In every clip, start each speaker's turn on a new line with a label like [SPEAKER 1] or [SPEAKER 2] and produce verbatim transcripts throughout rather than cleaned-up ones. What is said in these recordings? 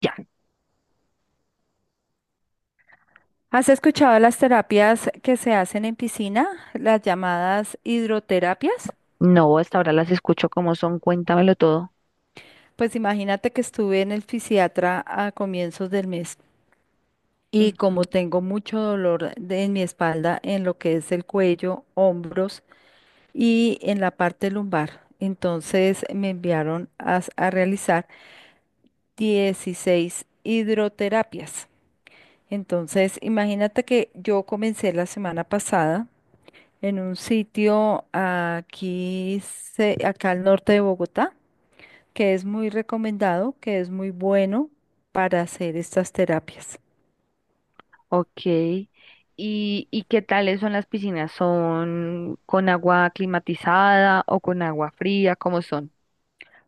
[SPEAKER 1] Ya,
[SPEAKER 2] ¿Has escuchado las terapias que se hacen en piscina, las llamadas hidroterapias?
[SPEAKER 1] no, hasta ahora las escucho como son, cuéntamelo todo.
[SPEAKER 2] Pues imagínate que estuve en el fisiatra a comienzos del mes y
[SPEAKER 1] Ujú.
[SPEAKER 2] como tengo mucho dolor de- en mi espalda, en lo que es el cuello, hombros y en la parte lumbar, entonces me enviaron a, s- a realizar dieciséis hidroterapias. Entonces, imagínate que yo comencé la semana pasada en un sitio aquí, se- acá al norte de Bogotá, que es muy recomendado, que es muy bueno para hacer estas terapias.
[SPEAKER 1] Ok. ¿Y, y qué tales son las piscinas? ¿Son con agua climatizada o con agua fría? ¿Cómo son?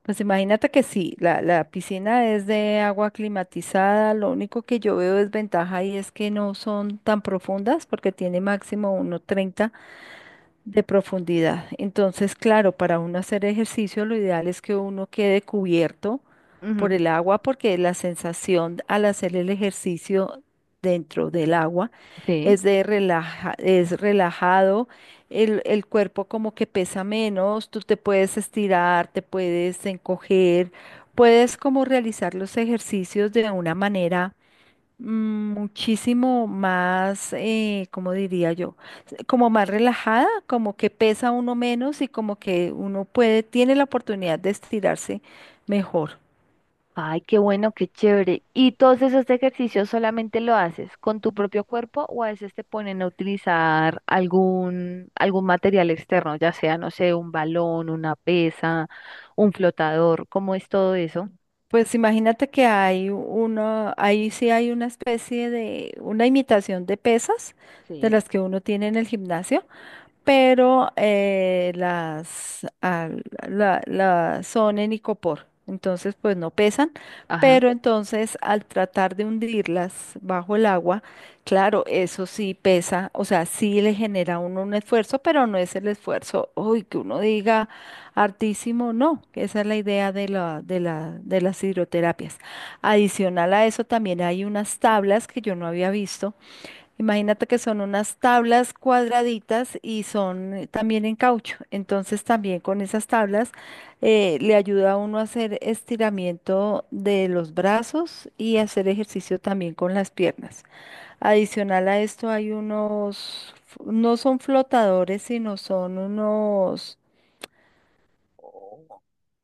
[SPEAKER 2] Pues imagínate que sí, la, la piscina es de agua climatizada. Lo único que yo veo desventaja ahí es que no son tan profundas porque tiene máximo uno treinta de profundidad. Entonces, claro, para uno hacer ejercicio, lo ideal es que uno quede cubierto por
[SPEAKER 1] Ujú.
[SPEAKER 2] el agua, porque la sensación al hacer el ejercicio dentro del agua
[SPEAKER 1] Sí.
[SPEAKER 2] es de relaja, es relajado. El, el cuerpo como que pesa menos, tú te puedes estirar, te puedes encoger, puedes como realizar los ejercicios de una manera, mm, muchísimo más, eh, ¿cómo diría yo? S- Como más relajada, como que pesa uno menos y como que uno puede, tiene la oportunidad de estirarse mejor.
[SPEAKER 1] Ay, qué bueno, qué chévere. ¿Y todos esos ejercicios solamente lo haces con tu propio cuerpo o a veces te ponen a utilizar algún, algún material externo, ya sea, no sé, un balón, una pesa, un flotador? ¿Cómo es todo eso?
[SPEAKER 2] Pues imagínate que hay una, ahí sí hay una especie de, una imitación de pesas de
[SPEAKER 1] Sí.
[SPEAKER 2] las que uno tiene en el gimnasio, pero eh, las, al- la, la- son en icopor, entonces pues no pesan,
[SPEAKER 1] Ajá.
[SPEAKER 2] pero entonces al tratar de hundirlas bajo el agua, claro, eso sí pesa. O sea, sí le genera a uno un esfuerzo, pero no es el esfuerzo, uy, que uno diga hartísimo, no, que esa es la idea de la, de la, de las hidroterapias. Adicional a eso también hay unas tablas que yo no había visto. Imagínate que son unas tablas cuadraditas y son eh, también en caucho. Entonces también con esas tablas eh, le ayuda a uno a hacer estiramiento de los brazos y hacer ejercicio también con las piernas. Adicional a esto hay unos, f- no son flotadores, sino son unos,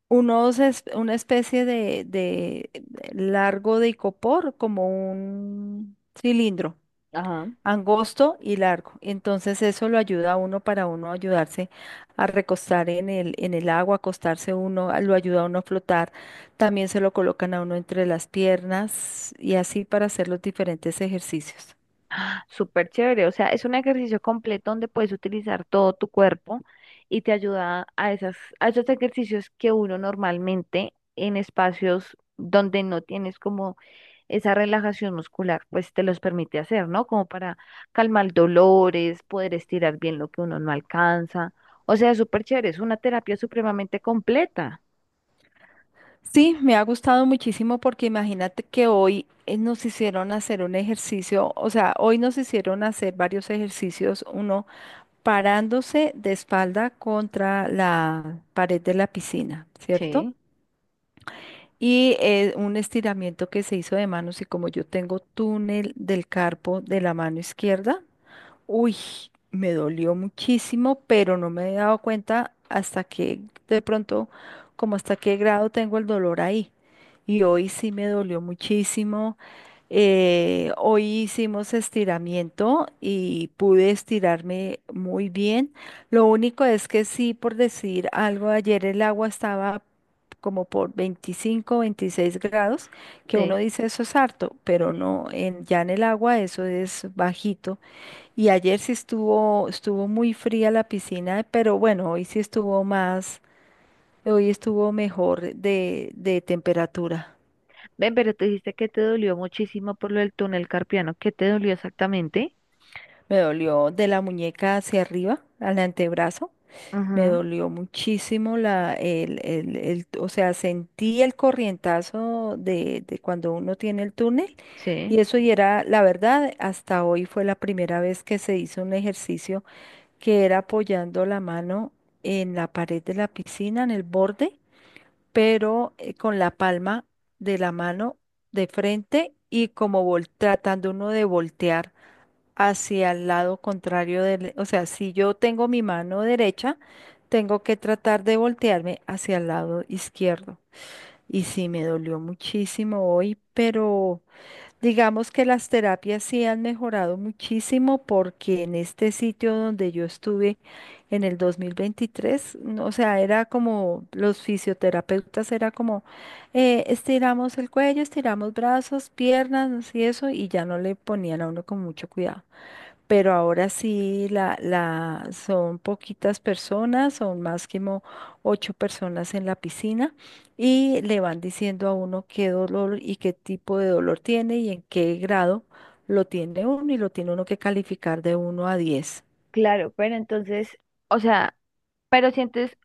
[SPEAKER 2] unos, es- una especie de, de de largo de icopor, como un cilindro angosto y largo. Entonces eso lo ayuda a uno para uno ayudarse a recostar en el, en el agua, acostarse uno, a- lo ayuda a uno a flotar. También se lo colocan a uno entre las piernas y así para hacer los diferentes ejercicios.
[SPEAKER 1] Súper chévere, o sea, es un ejercicio completo donde puedes utilizar todo tu cuerpo y te ayuda a esas, a esos ejercicios que uno normalmente en espacios donde no tienes como esa relajación muscular, pues te los permite hacer, ¿no? Como para calmar dolores, poder estirar bien lo que uno no alcanza. O sea, súper chévere, es una terapia supremamente completa.
[SPEAKER 2] Sí, me ha gustado muchísimo porque imagínate que hoy eh, nos hicieron hacer un ejercicio. O sea, hoy nos hicieron hacer varios ejercicios, uno parándose de espalda contra la pared de la piscina, ¿cierto?
[SPEAKER 1] Sí,
[SPEAKER 2] Y eh, un estiramiento que se hizo de manos, y como yo tengo túnel del carpo de la mano izquierda, uy, me dolió muchísimo, pero no me he dado cuenta hasta que, de pronto, como hasta qué grado tengo el dolor ahí. Y hoy sí me dolió muchísimo. Eh, hoy hicimos estiramiento y pude estirarme muy bien. Lo único es que sí, por decir algo, ayer el agua estaba como por veinticinco, veintiséis grados, que uno
[SPEAKER 1] sí,
[SPEAKER 2] dice eso es harto, pero
[SPEAKER 1] sí.
[SPEAKER 2] no, en, ya en el agua eso es bajito. Y ayer sí estuvo, estuvo muy fría la piscina, pero bueno, hoy sí estuvo más, hoy estuvo mejor de, de temperatura.
[SPEAKER 1] Ven, pero te dijiste que te dolió muchísimo por lo del túnel carpiano. ¿Qué te dolió exactamente?
[SPEAKER 2] Me dolió de la muñeca hacia arriba, al antebrazo. Me
[SPEAKER 1] Ajá.
[SPEAKER 2] dolió muchísimo la, el, el, el- o sea, sentí el corrientazo de, de cuando uno tiene el túnel. Y
[SPEAKER 1] Sí.
[SPEAKER 2] eso y era, la verdad, hasta hoy fue la primera vez que se hizo un ejercicio que era apoyando la mano en la pared de la piscina, en el borde, pero eh, con la palma de la mano de frente y como vol- tratando uno de voltear hacia el lado contrario del, o sea, si yo tengo mi mano derecha, tengo que tratar de voltearme hacia el lado izquierdo. Y sí, me dolió muchísimo hoy, pero digamos que las terapias sí han mejorado muchísimo, porque en este sitio donde yo estuve en el dos mil veintitrés, no, o sea, era como los fisioterapeutas, era como eh, estiramos el cuello, estiramos brazos, piernas y eso, y ya no le ponían a uno con mucho cuidado, pero ahora sí la, la, son poquitas personas, son más que ocho personas en la piscina, y le van diciendo a uno qué dolor y qué tipo de dolor tiene y en qué grado lo tiene uno, y lo tiene uno que calificar de uno a diez.
[SPEAKER 1] Claro, pero entonces, o sea, pero sientes,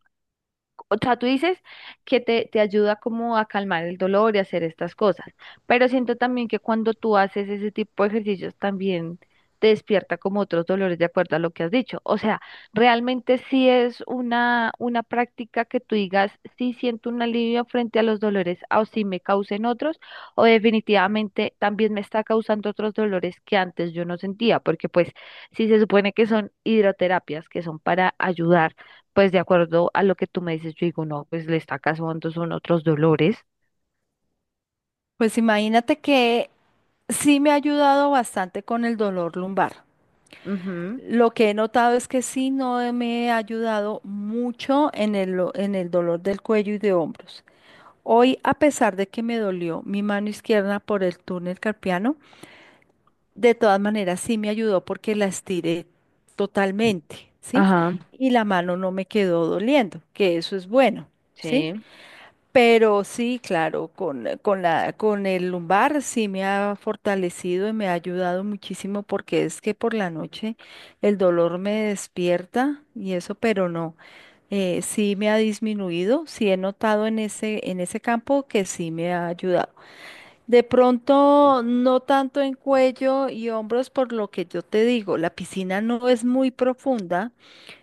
[SPEAKER 1] o sea, tú dices que te, te ayuda como a calmar el dolor y hacer estas cosas, pero siento también que cuando tú haces ese tipo de ejercicios también te despierta como otros dolores de acuerdo a lo que has dicho. O sea, realmente sí es una, una práctica que tú digas, sí siento un alivio frente a los dolores o sí me causen otros, o definitivamente también me está causando otros dolores que antes yo no sentía, porque pues sí se supone que son hidroterapias, que son para ayudar pues de acuerdo a lo que tú me dices, yo digo, no, pues le está causando son otros dolores.
[SPEAKER 2] Pues imagínate que sí me ha ayudado bastante con el dolor lumbar.
[SPEAKER 1] Ujú.
[SPEAKER 2] Lo que he notado es que sí no me ha ayudado mucho en el, lo- en el dolor del cuello y de hombros. Hoy, a pesar de que me dolió mi mano izquierda por el túnel carpiano, de todas maneras sí me ayudó porque la estiré totalmente, ¿sí?
[SPEAKER 1] Ajá.
[SPEAKER 2] Y la mano no me quedó doliendo, que eso es bueno, ¿sí?
[SPEAKER 1] Sí.
[SPEAKER 2] Pero sí, claro, con, con la, con el lumbar sí me ha fortalecido y me ha ayudado muchísimo, porque es que por la noche el dolor me despierta y eso, pero no, eh, sí me ha disminuido, sí he notado en ese, en ese campo que sí me ha ayudado. De pronto, no tanto en cuello y hombros, por lo que yo te digo, la piscina no es muy profunda,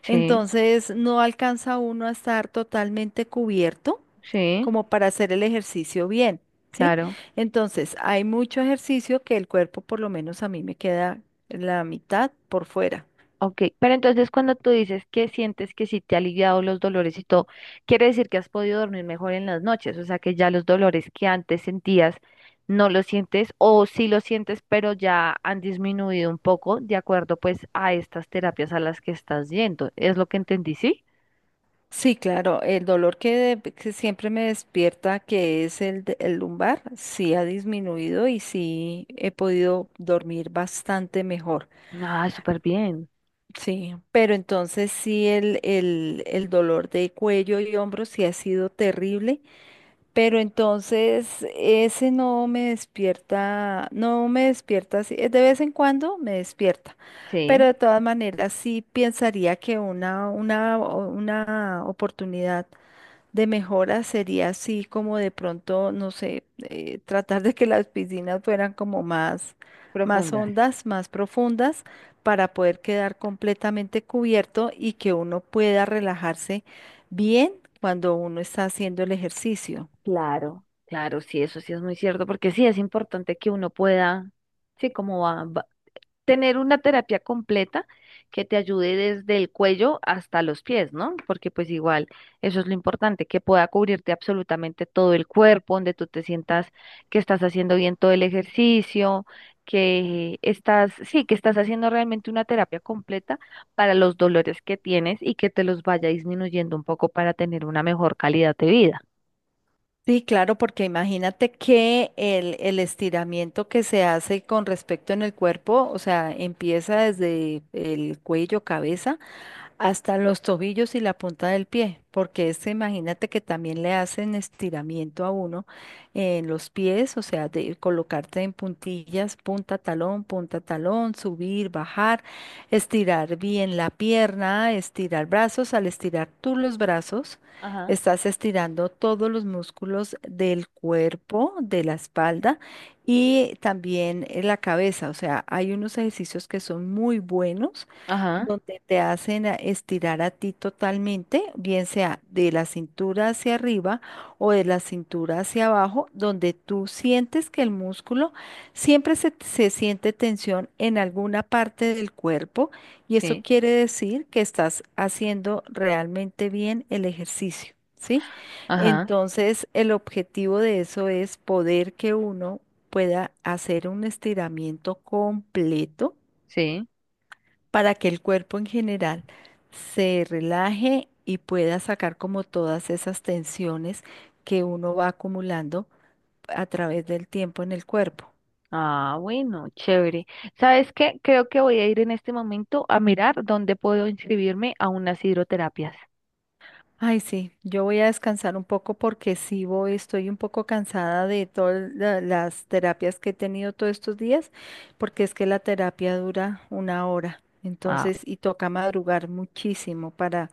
[SPEAKER 1] Sí,
[SPEAKER 2] entonces no alcanza uno a estar totalmente cubierto
[SPEAKER 1] sí,
[SPEAKER 2] como para hacer el ejercicio bien, ¿sí?
[SPEAKER 1] claro.
[SPEAKER 2] Entonces, hay mucho ejercicio que el cuerpo, por lo menos a mí, me queda la mitad por fuera.
[SPEAKER 1] Ok, pero entonces cuando tú dices que sientes que sí te ha aliviado los dolores y todo, quiere decir que has podido dormir mejor en las noches, o sea que ya los dolores que antes sentías no los sientes o sí los sientes, pero ya han disminuido un poco de acuerdo pues a estas terapias a las que estás yendo. ¿Es lo que entendí, sí?
[SPEAKER 2] Sí, claro, el dolor que, que siempre me despierta, que es el, de- el lumbar, sí ha disminuido y sí he podido dormir bastante mejor.
[SPEAKER 1] Ah, súper bien.
[SPEAKER 2] Sí, pero entonces sí el, el, el dolor de cuello y hombros sí ha sido terrible, pero entonces ese no me despierta, no me despierta así, eh, de vez en cuando me despierta. Pero
[SPEAKER 1] Sí,
[SPEAKER 2] de todas maneras sí pensaría que una, una, o- una oportunidad de mejora sería así como de pronto, no sé, eh, tratar de que las piscinas fueran como más, más
[SPEAKER 1] profundas.
[SPEAKER 2] hondas, más profundas, para poder quedar completamente cubierto y que uno pueda relajarse bien cuando uno está haciendo el ejercicio.
[SPEAKER 1] Claro, claro, sí, eso sí es muy cierto, porque sí es importante que uno pueda, sí, como va- va- tener una terapia completa que te ayude desde el cuello hasta los pies, ¿no? Porque pues igual, eso es lo importante, que pueda cubrirte absolutamente todo el cuerpo, donde tú te sientas que estás haciendo bien todo el ejercicio, que estás, sí, que estás haciendo realmente una terapia completa para los dolores que tienes y que te los vaya disminuyendo un poco para tener una mejor calidad de vida.
[SPEAKER 2] Sí, claro, porque imagínate que el, el estiramiento que se hace con respecto en el cuerpo, o sea, empieza desde el cuello, cabeza, hasta los tobillos y la punta del pie, porque este, imagínate que también le hacen estiramiento a uno en los pies, o sea, de colocarte en puntillas, punta talón, punta talón, subir, bajar, estirar bien la pierna, estirar brazos. Al estirar tú los brazos,
[SPEAKER 1] Ajá.
[SPEAKER 2] estás estirando todos los músculos del cuerpo, de la espalda, y también eh, la cabeza. O sea, hay unos ejercicios que son muy buenos,
[SPEAKER 1] Ajá,
[SPEAKER 2] donde te hacen a- estirar a ti totalmente, bien sea de la cintura hacia arriba o de la cintura hacia abajo, donde tú sientes que el músculo siempre se, se siente tensión en alguna parte del cuerpo, y eso
[SPEAKER 1] sí,
[SPEAKER 2] quiere decir que estás haciendo realmente bien el ejercicio, ¿sí?
[SPEAKER 1] ajá,
[SPEAKER 2] Entonces, el objetivo de eso es poder que uno pueda hacer un estiramiento completo
[SPEAKER 1] sí.
[SPEAKER 2] para que el cuerpo en general se relaje y pueda sacar como todas esas tensiones que uno va acumulando a través del tiempo en el cuerpo.
[SPEAKER 1] Ah, bueno, chévere. ¿Sabes qué? Creo que voy a ir en este momento a mirar dónde puedo inscribirme a unas hidroterapias.
[SPEAKER 2] Ay, sí, yo voy a descansar un poco porque sí voy, estoy un poco cansada de todas la- las terapias que he tenido todos estos días, porque es que la terapia dura una hora,
[SPEAKER 1] Ah,
[SPEAKER 2] entonces, y toca madrugar muchísimo para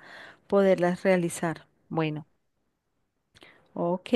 [SPEAKER 2] poderlas realizar.
[SPEAKER 1] bueno.
[SPEAKER 2] Ok.